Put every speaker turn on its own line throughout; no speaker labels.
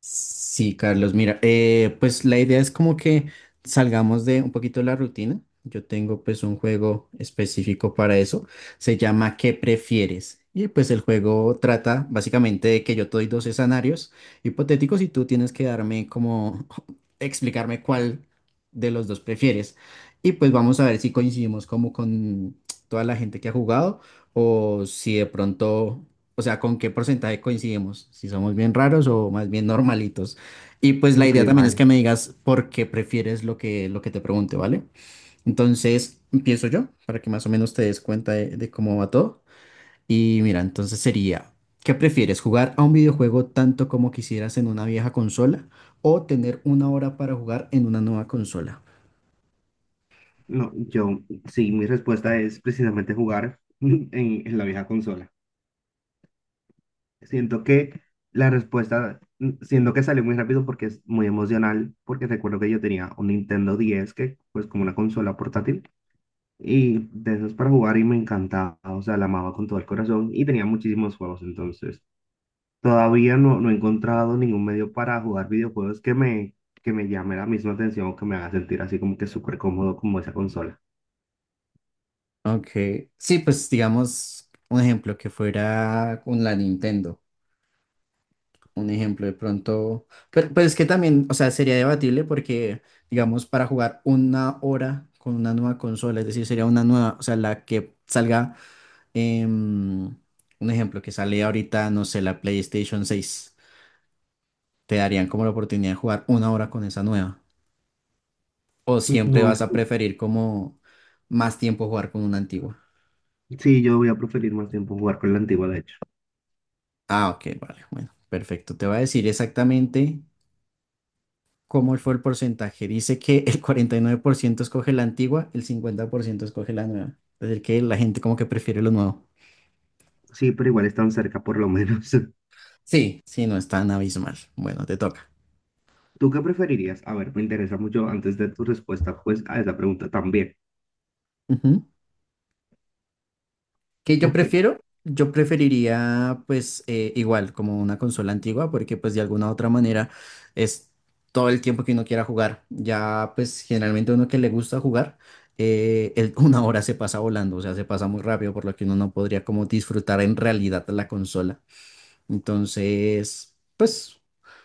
Sí, Carlos, mira, pues la idea es como que salgamos de un poquito de la rutina. Yo tengo pues un juego específico para eso. Se llama ¿Qué prefieres? Y pues el juego trata básicamente de que yo te doy dos escenarios hipotéticos y tú tienes que darme como explicarme cuál de los dos prefieres. Y pues vamos a ver si coincidimos como con toda la gente que ha jugado o si de pronto o sea, con qué porcentaje coincidimos, si somos bien raros o más bien normalitos. Y pues la
Ok,
idea también es que
vale.
me digas por qué prefieres lo que te pregunte, ¿vale? Entonces, empiezo yo para que más o menos te des cuenta de cómo va todo. Y mira, entonces sería, ¿qué prefieres? ¿Jugar a un videojuego tanto como quisieras en una vieja consola o tener una hora para jugar en una nueva consola?
No, sí, mi respuesta es precisamente jugar en la vieja consola. Siento que la respuesta, siento que salió muy rápido porque es muy emocional, porque recuerdo que yo tenía un Nintendo 10, que pues como una consola portátil, y de esos para jugar y me encantaba, o sea, la amaba con todo el corazón y tenía muchísimos juegos, entonces todavía no, no he encontrado ningún medio para jugar videojuegos que me llame la misma atención o que me haga sentir así como que súper cómodo como esa consola.
Ok, sí, pues digamos un ejemplo que fuera con la Nintendo. Un ejemplo de pronto, pero es que también, o sea, sería debatible porque, digamos, para jugar una hora con una nueva consola, es decir, sería una nueva, o sea, la que salga, em, un ejemplo, que sale ahorita, no sé, la PlayStation 6, te darían como la oportunidad de jugar una hora con esa nueva. O siempre
No, es
vas a
que
preferir como más tiempo jugar con una antigua.
sí, yo voy a preferir más tiempo jugar con la antigua, de hecho.
Ah, ok, vale, bueno, perfecto. Te va a decir exactamente ¿cómo fue el porcentaje? Dice que el 49% escoge la antigua, el 50% escoge la nueva. Es decir, que la gente como que prefiere lo nuevo.
Sí, pero igual están cerca por lo menos.
Sí, sí, no es tan abismal. Bueno, te toca.
¿Tú qué preferirías? A ver, me interesa mucho antes de tu respuesta, pues, a esa pregunta también.
Ujú. ¿Qué yo
Ok,
prefiero? Yo preferiría pues igual como una consola antigua porque pues de alguna u otra manera es todo el tiempo que uno quiera jugar. Ya pues generalmente uno que le gusta jugar, una hora se pasa volando, o sea, se pasa muy rápido por lo que uno no podría como disfrutar en realidad la consola. Entonces, pues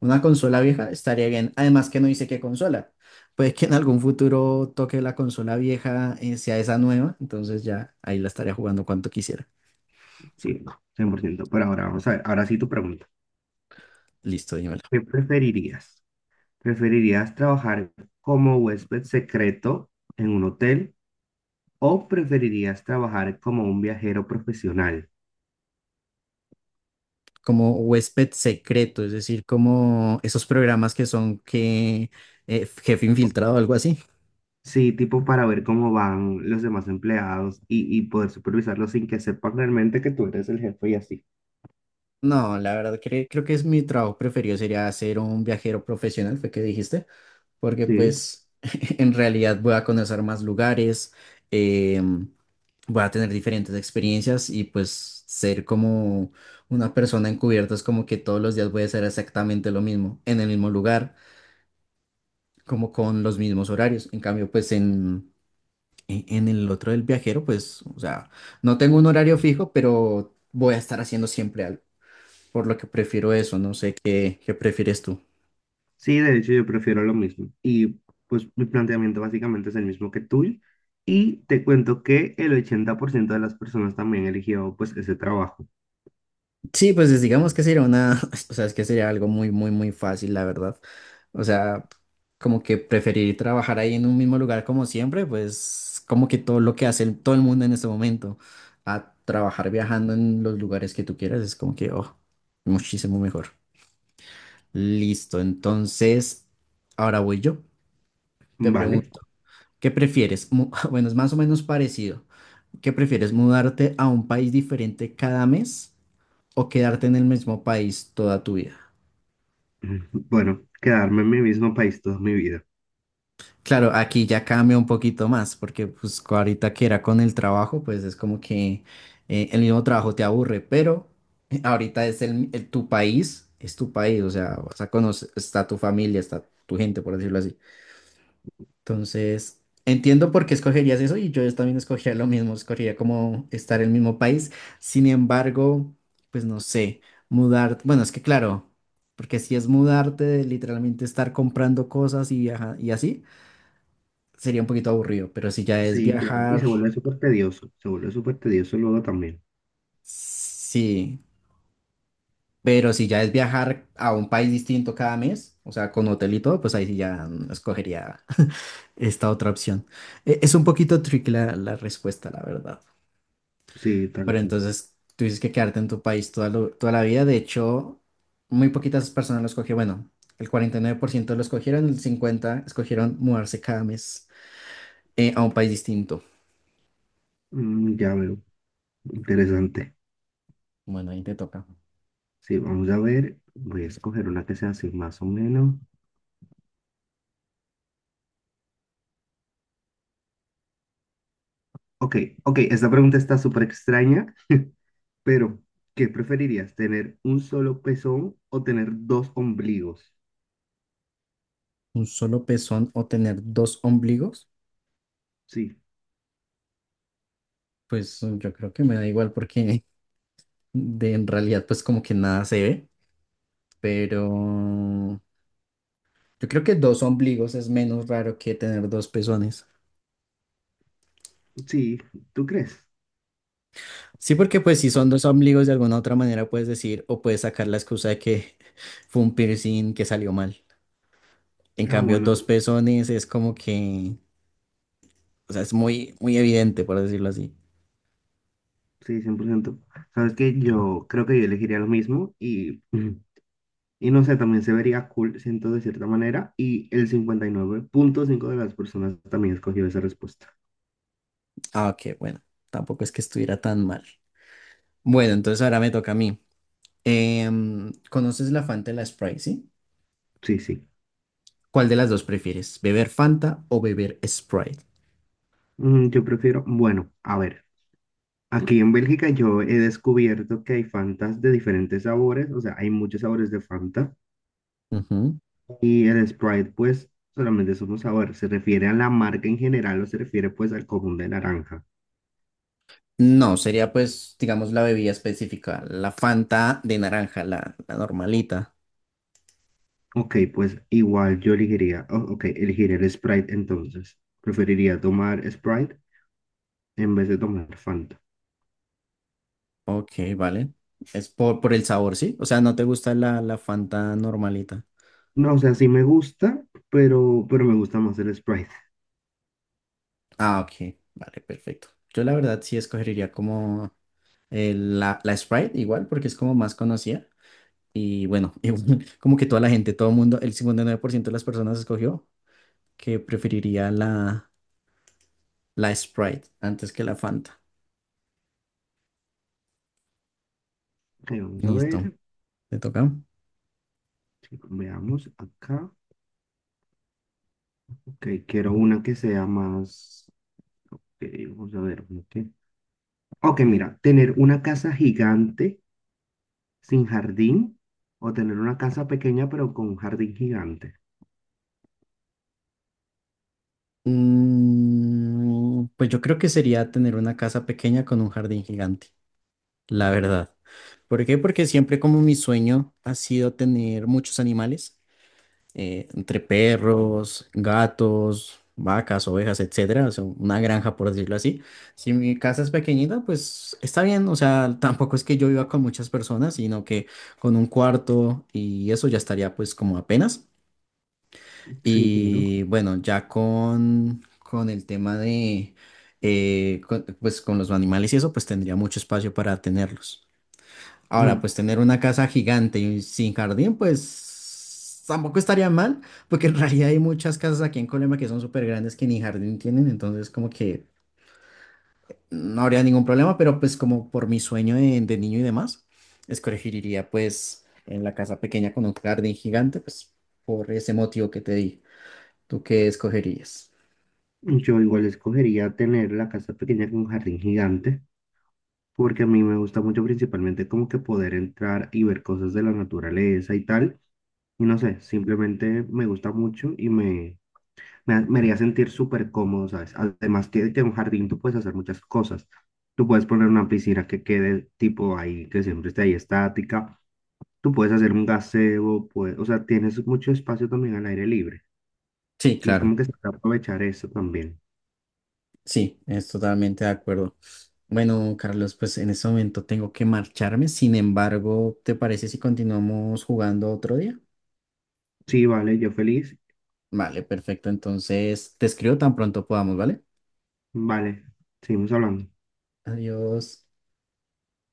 una consola vieja estaría bien. Además que no dice qué consola. Puede que en algún futuro toque la consola vieja, sea esa nueva. Entonces ya ahí la estaría jugando cuanto quisiera.
sí, no, 100%. Pero ahora vamos a ver, ahora sí tu pregunta.
Listo, dímela.
¿Qué preferirías? ¿Preferirías trabajar como huésped secreto en un hotel o preferirías trabajar como un viajero profesional?
Como huésped secreto, es decir, como esos programas que son que jefe infiltrado o algo así.
Sí, tipo para ver cómo van los demás empleados y poder supervisarlos sin que sepan realmente que tú eres el jefe y así.
No, la verdad creo que es mi trabajo preferido sería ser un viajero profesional, fue que dijiste. Porque
Sí,
pues en realidad voy a conocer más lugares, em, voy a tener diferentes experiencias y pues ser como una persona encubierta es como que todos los días voy a hacer exactamente lo mismo, en el mismo lugar, como con los mismos horarios. En cambio, pues en, en el otro del viajero, pues, o sea, no tengo un horario fijo, pero voy a estar haciendo siempre algo, por lo que prefiero eso, no sé qué, qué prefieres tú.
sí, de hecho yo prefiero lo mismo. Y pues mi planteamiento básicamente es el mismo que tuyo. Y te cuento que el 80% de las personas también eligió pues ese trabajo,
Sí, pues es- digamos que sería una, o sea, es que sería algo muy, muy, muy fácil, la verdad. O sea, como que preferir trabajar ahí en un mismo lugar como siempre, pues como que todo lo que hace el- todo el mundo en este momento, a trabajar viajando en los lugares que tú quieras, es como que, oh, muchísimo mejor. Listo, entonces, ahora voy yo. Te
¿vale?
pregunto, ¿qué prefieres? Bueno, es más o menos parecido. ¿Qué prefieres, mudarte a un país diferente cada mes o quedarte en el mismo país toda tu vida?
Bueno, quedarme en mi mismo país toda mi vida.
Claro, aquí ya cambia un poquito más, porque pues ahorita que era con el trabajo, pues es como que el mismo trabajo te aburre, pero ahorita es el, tu país, es tu país, o sea, vas a conocer, está tu familia, está tu gente, por decirlo así. Entonces, entiendo por qué escogerías eso y yo también escogería lo mismo, escogería como estar en el mismo país. Sin embargo, pues no sé, mudar, bueno, es que claro, porque si es mudarte de literalmente estar comprando cosas y, y así sería un poquito aburrido, pero si ya es
Sí, claro. Y
viajar,
se vuelve súper tedioso, se vuelve súper tedioso luego también.
sí. Pero si ya es viajar a un país distinto cada mes, o sea, con hotel y todo, pues ahí sí ya escogería esta otra opción. Es un poquito tricky la respuesta, la verdad.
Sí, tal
Pero
cual.
entonces tú dices que quedarte en tu país toda, toda la vida. De hecho, muy poquitas personas lo escogieron. Bueno, el 49% lo escogieron, el 50% escogieron mudarse cada mes a un país distinto.
Mm, ya veo, interesante.
Bueno, ahí te toca.
Sí, vamos a ver. Voy a escoger una que sea así más o menos. Ok, ok, esta pregunta está súper extraña. Pero, ¿qué preferirías? ¿Tener un solo pezón o tener dos ombligos?
Un solo pezón o tener dos ombligos,
Sí,
pues yo creo que me da igual porque de, en realidad pues como que nada se ve, pero yo creo que dos ombligos es menos raro que tener dos pezones.
sí, ¿tú crees?
Sí, porque pues si son dos ombligos de alguna otra manera puedes decir o puedes sacar la excusa de que fue un piercing que salió mal. En
Ah,
cambio,
bueno,
dos pezones es como que, o sea, es muy, muy evidente, por decirlo así.
sí, 100%. Sabes que yo creo que yo elegiría lo mismo y, y no sé, también se vería cool, siento de cierta manera, y el 59,5 de las personas también escogió esa respuesta.
Ah, ok, bueno, tampoco es que estuviera tan mal. Bueno, entonces ahora me toca a mí. ¿Conoces la Fanta y la Sprite, sí?
Sí, sí.
¿Cuál de las dos prefieres? ¿Beber Fanta o beber Sprite?
Mm, yo prefiero, bueno, a ver, aquí en Bélgica yo he descubierto que hay Fantas de diferentes sabores, o sea, hay muchos sabores de Fanta.
Ujú.
Y el Sprite, pues, solamente es un sabor. ¿Se refiere a la marca en general o se refiere, pues, al común de naranja?
No, sería pues, digamos, la bebida específica, la Fanta de naranja, la normalita.
Ok, pues, igual yo elegiría, oh, ok, elegiría el Sprite entonces. Preferiría tomar Sprite en vez de tomar Fanta.
Ok, vale. Es por el sabor, ¿sí? O sea, ¿no te gusta la Fanta normalita?
No, o sea, sí me gusta, pero me gusta más el Sprite.
Ah, ok, vale, perfecto. Yo la verdad sí escogería como la Sprite igual, porque es como más conocida. Y bueno, igual, como que toda la gente, todo el mundo, el 59% de las personas escogió que preferiría la Sprite antes que la Fanta.
Ok, vamos a
Listo,
ver.
¿te toca?
Sí, veamos acá. Ok, quiero una que sea más... ok, vamos a ver. Ok, mira, tener una casa gigante sin jardín o tener una casa pequeña pero con un jardín gigante.
Mm, pues yo creo que sería tener una casa pequeña con un jardín gigante, la verdad. ¿Por qué? Porque siempre como mi sueño ha sido tener muchos animales. Entre perros, gatos, vacas, ovejas, etcétera, o sea, una granja por decirlo así. Si mi casa es pequeñita, pues está bien, o sea, tampoco es que yo viva con muchas personas, sino que con un cuarto y eso ya estaría pues como apenas.
Sí, claro.
Y bueno, ya con el tema de, pues con los animales y eso, pues tendría mucho espacio para tenerlos. Ahora,
Mm,
pues tener una casa gigante y sin jardín, pues tampoco estaría mal, porque en realidad hay muchas casas aquí en Colombia que son súper grandes que ni jardín tienen, entonces como que no habría ningún problema, pero pues como por mi sueño de niño y demás, escogería pues en la casa pequeña con un jardín gigante, pues por ese motivo que te di. ¿Tú qué escogerías?
yo igual escogería tener la casa pequeña con un jardín gigante porque a mí me gusta mucho principalmente como que poder entrar y ver cosas de la naturaleza y tal. Y no sé, simplemente me gusta mucho y me haría sentir súper cómodo, ¿sabes? Además que en un jardín tú puedes hacer muchas cosas. Tú puedes poner una piscina que quede tipo ahí, que siempre esté ahí estática. Tú puedes hacer un gazebo, pues, o sea, tienes mucho espacio también al aire libre.
Sí,
Y es
claro.
como que se puede aprovechar eso también.
Sí, es totalmente de acuerdo. Bueno, Carlos, pues en este momento tengo que marcharme. Sin embargo, ¿te parece si continuamos jugando otro día?
Sí, vale, yo feliz.
Vale, perfecto. Entonces, te escribo tan pronto podamos, ¿vale?
Vale, seguimos hablando.
Adiós.